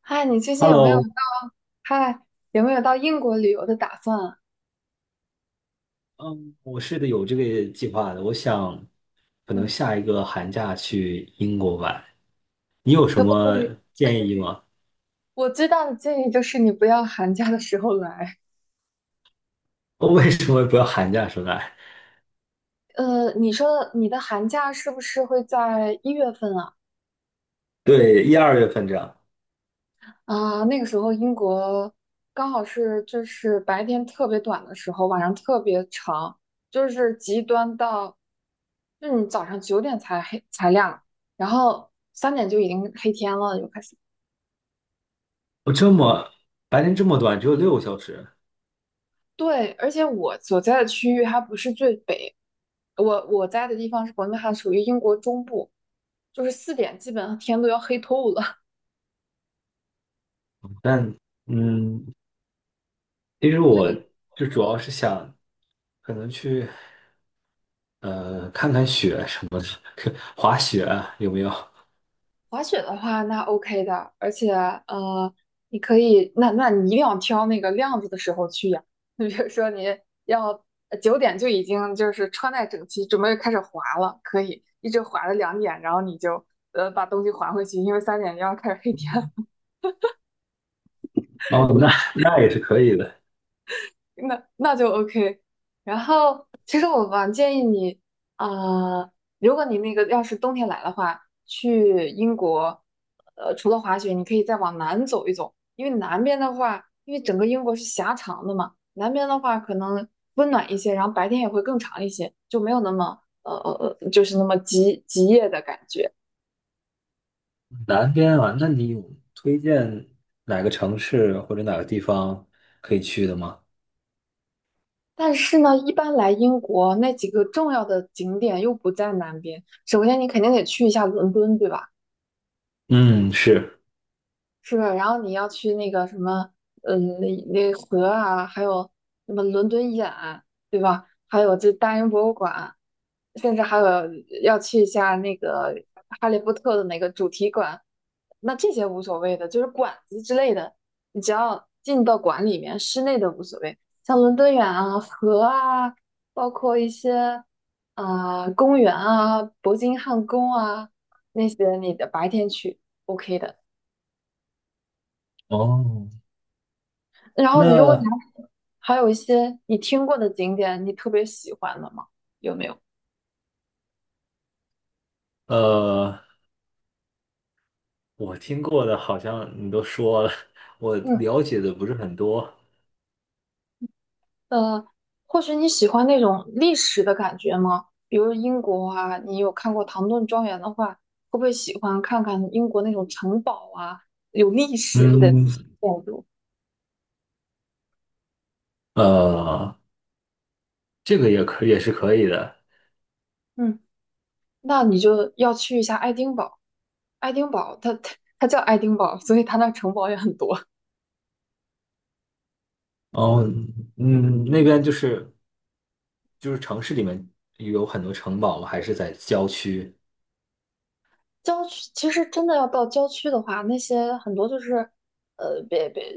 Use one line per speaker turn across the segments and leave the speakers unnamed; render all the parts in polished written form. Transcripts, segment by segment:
嗨，你最近
Hello，
嗨有没有到英国旅游的打算啊？
嗯，我是的，有这个计划的。我想可能
嗯，
下一个寒假去英国玩，你有什
可不可
么
以？
建议吗？
我最大的建议就是你不要寒假的时候来。
我为什么不要寒假出来？
你说的你的寒假是不是会在1月份啊？
对，一二月份这样。
啊，那个时候英国刚好是就是白天特别短的时候，晚上特别长，就是极端到，就是你早上九点才黑才亮，然后三点就已经黑天了，就开始。
我这么白天这么短，只有6个小时。
对，而且我所在的区域还不是最北，我在的地方是伯明翰，属于英国中部，就是4点基本上天都要黑透了。
但嗯，其实
所
我
以
就主要是想可能去看看雪什么的，滑雪啊有没有？
滑雪的话，那 OK 的，而且你可以，那你一定要挑那个亮子的时候去呀。你比如说你要9点就已经就是穿戴整齐，准备开始滑了，可以一直滑到2点，然后你就把东西还回去，因为三点就要开始黑天
哦，那 那也是可以的。
那就 OK。然后，其实我蛮建议你，啊、如果你那个要是冬天来的话，去英国，除了滑雪，你可以再往南走一走，因为南边的话，因为整个英国是狭长的嘛，南边的话可能温暖一些，然后白天也会更长一些，就没有那么就是那么极夜的感觉。
南边啊，那你有推荐哪个城市或者哪个地方可以去的吗？
但是呢，一般来英国那几个重要的景点又不在南边，首先你肯定得去一下伦敦，对吧？
嗯，是。
是，然后你要去那个什么，呃，那河啊，还有什么伦敦眼，对吧？还有这大英博物馆，甚至还有要去一下那个《哈利波特》的那个主题馆。那这些无所谓的，就是馆子之类的，你只要进到馆里面，室内的无所谓。像伦敦眼啊、河啊，包括一些啊、公园啊、伯金汉宫啊那些，你的白天去 OK 的。
哦，
然后你如果你
那
还有一些你听过的景点，你特别喜欢的吗？有没有？
呃，我听过的好像你都说了，我
嗯。
了解的不是很多。
呃，或许你喜欢那种历史的感觉吗？比如英国啊，你有看过唐顿庄园的话，会不会喜欢看看英国那种城堡啊，有历史的
嗯，
建筑？
呃，这个也是可以的。
嗯，那你就要去一下爱丁堡。爱丁堡，它叫爱丁堡，所以它那城堡也很多。
哦，嗯，那边就是城市里面有很多城堡吗？还是在郊区？
郊区其实真的要到郊区的话，那些很多就是，呃，别别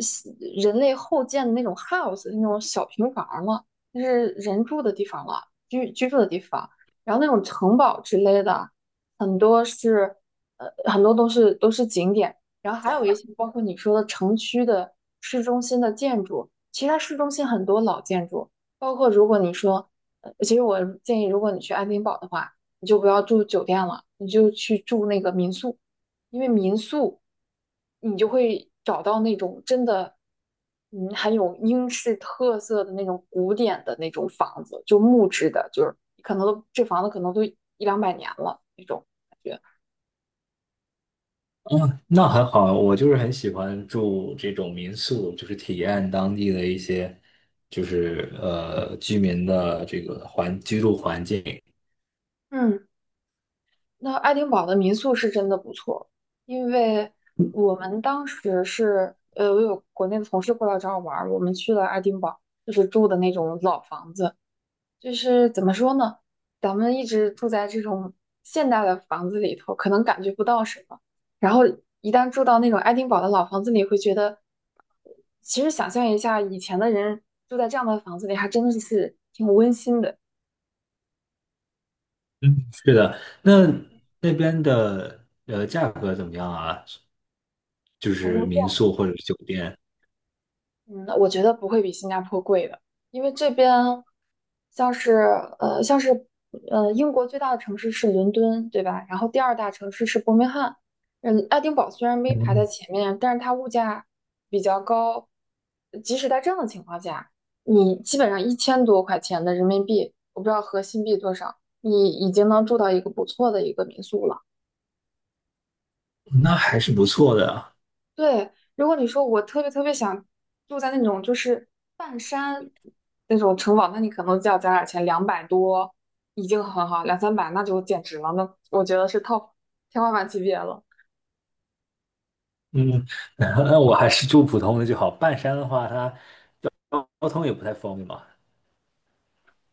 人类后建的那种 house，那种小平房嘛，了，那是人住的地方了，居住的地方。然后那种城堡之类的，很多是，很多都是景点。然后还有一些包括你说的城区的市中心的建筑，其实它市中心很多老建筑，包括如果你说，其实我建议，如果你去爱丁堡的话。你就不要住酒店了，你就去住那个民宿，因为民宿你就会找到那种真的，嗯，很有英式特色的那种古典的那种房子，就木质的，就是可能都这房子可能都一两百年了那种感觉。
那很好啊，我就是很喜欢住这种民宿，就是体验当地的一些，就是居民的这个居住环境。
嗯，那爱丁堡的民宿是真的不错，因为我们当时是，我有国内的同事过来找我玩儿，我们去了爱丁堡，就是住的那种老房子。就是怎么说呢？咱们一直住在这种现代的房子里头，可能感觉不到什么。然后一旦住到那种爱丁堡的老房子里，会觉得，其实想象一下，以前的人住在这样的房子里，还真的是挺温馨的。
那那边的价格怎么样啊？就
好。
是民宿或者是酒店，
我觉得不会比新加坡贵的，因为这边像是像是英国最大的城市是伦敦，对吧？然后第二大城市是伯明翰，嗯，爱丁堡虽然没排在
嗯，
前面，但是它物价比较高，即使在这样的情况下，你基本上1000多块钱的人民币，我不知道合新币多少，你已经能住到一个不错的一个民宿了。
那还是不错的啊。
对，如果你说我特别特别想住在那种就是半山那种城堡，那你可能就要攒点钱，200多已经很好，两三百那就简直了，那我觉得是 top 天花板级别了。
嗯，那我还是住普通的就好。半山的话，它交通也不太方便嘛。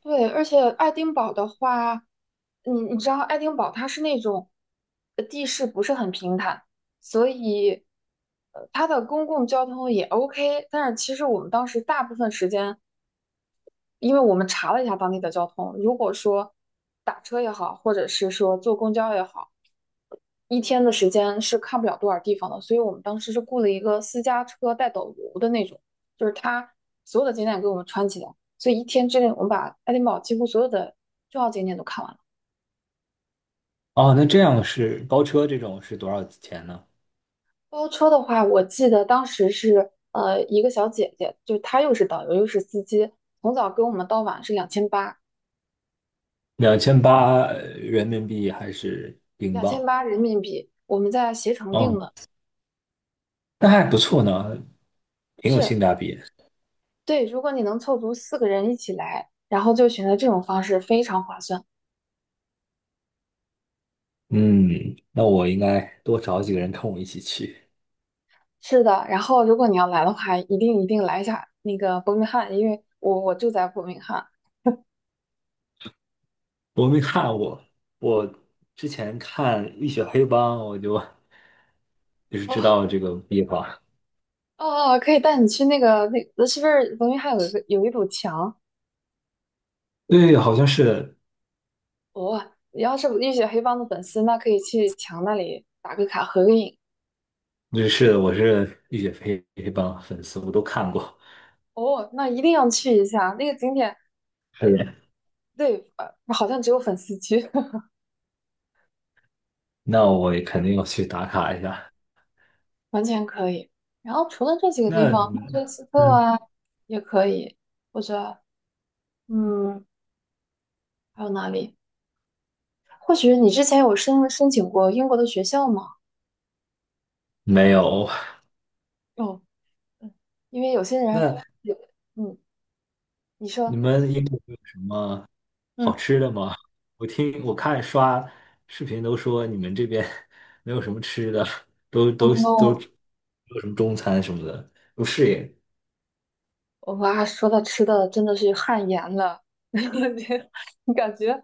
对，而且爱丁堡的话，你你知道爱丁堡它是那种地势不是很平坦，所以它的公共交通也 OK，但是其实我们当时大部分时间。因为我们查了一下当地的交通，如果说打车也好，或者是说坐公交也好，一天的时间是看不了多少地方的，所以我们当时是雇了一个私家车带导游的那种，就是他所有的景点给我们串起来，所以一天之内我们把爱丁堡几乎所有的重要景点都看完了。
哦，那这样是包车这种是多少钱呢？
包车的话，我记得当时是一个小姐姐，就是她又是导游又是司机，从早跟我们到晚是两千八。
2800人民币还是英
两千
镑？
八人民币，我们在携程订
哦，
的。
那还不错呢，挺有
是。
性价比。
对，如果你能凑足4个人一起来，然后就选择这种方式，非常划算。
嗯，那我应该多找几个人跟我一起去。
是的，然后如果你要来的话，一定一定来一下那个伯明翰，因为我住在伯明翰。
我没看过，我之前看《浴血黑帮》，我就就是知
哦
道这个地方。
哦，可以带你去那个那个是不是伯明翰有一个有一堵墙？
对，好像是，
哦，你要是浴血黑帮的粉丝，那可以去墙那里打个卡合个影。
就是，我是《浴血黑黑帮》粉丝，我都看过。
哦，那一定要去一下那个景点。
是的，
对，好像只有粉丝去。
那我也肯定要去打卡一下。
完全可以。然后除了这几个地
那
方，曼
你，
彻斯特
嗯，
啊也可以，或者嗯，还有哪里？或许你之前有申请过英国的学校吗？
没有。
哦，嗯，因为有些人
那
有，嗯，你
你
说，
们英国有什么好
嗯，
吃的吗？我看刷视频都说你们这边 没有什么吃的，都
哦
都都没
，no。
有什么中餐什么的，不适应。
哇，说到吃的真的是汗颜了，你感觉？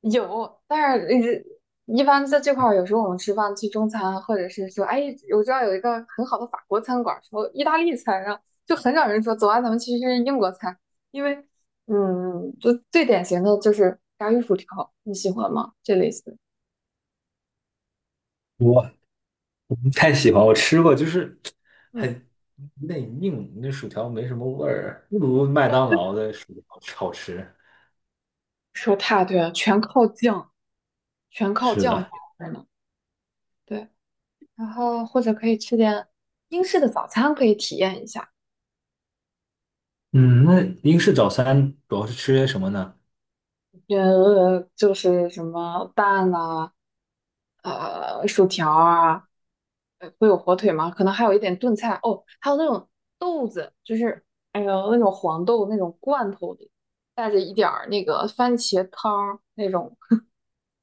有，但是一般在这块儿，有时候我们吃饭去中餐，或者是说，哎，我知道有一个很好的法国餐馆儿，说意大利餐，啊，就很少人说，走啊，咱们去吃英国餐，因为，嗯，就最典型的就是炸鱼薯条，你喜欢吗？这类似。
我我不太喜欢，我吃过，就是
嗯，
很内硬，那薯条没什么味儿，不如麦当劳的薯条好吃。
说太对了，全靠酱，全靠
是
酱搭
的，
配呢。对，然后或者可以吃点英式的早餐，可以体验一下。
嗯，那英式早餐主要是吃些什么呢？
就是什么蛋呐、薯条啊，会有火腿吗？可能还有一点炖菜哦，还有那种豆子，就是哎呦那种黄豆那种罐头里带着一点儿那个番茄汤儿那种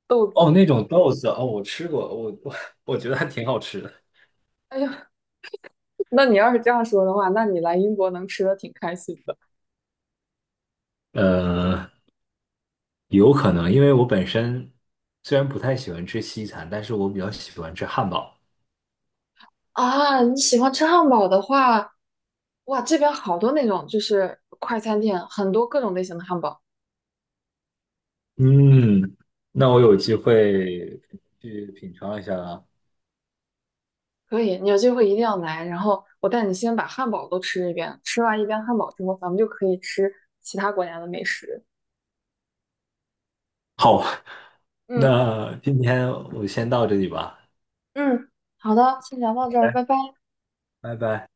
豆
哦，
子。
那种豆子哦，我吃过，我觉得还挺好吃的。
哎呦，那你要是这样说的话，那你来英国能吃的挺开心的
呃，有可能，因为我本身虽然不太喜欢吃西餐，但是我比较喜欢吃汉堡。
啊。你喜欢吃汉堡的话，哇，这边好多那种就是快餐店，很多各种类型的汉堡。
嗯，那我有机会去品尝一下了。
可以，你有机会一定要来。然后我带你先把汉堡都吃一遍，吃完一遍汉堡之后，咱们就可以吃其他国家的美食。
好，
嗯，
那今天我先到这里吧，
嗯，好的，先聊到这儿，拜拜。
拜拜。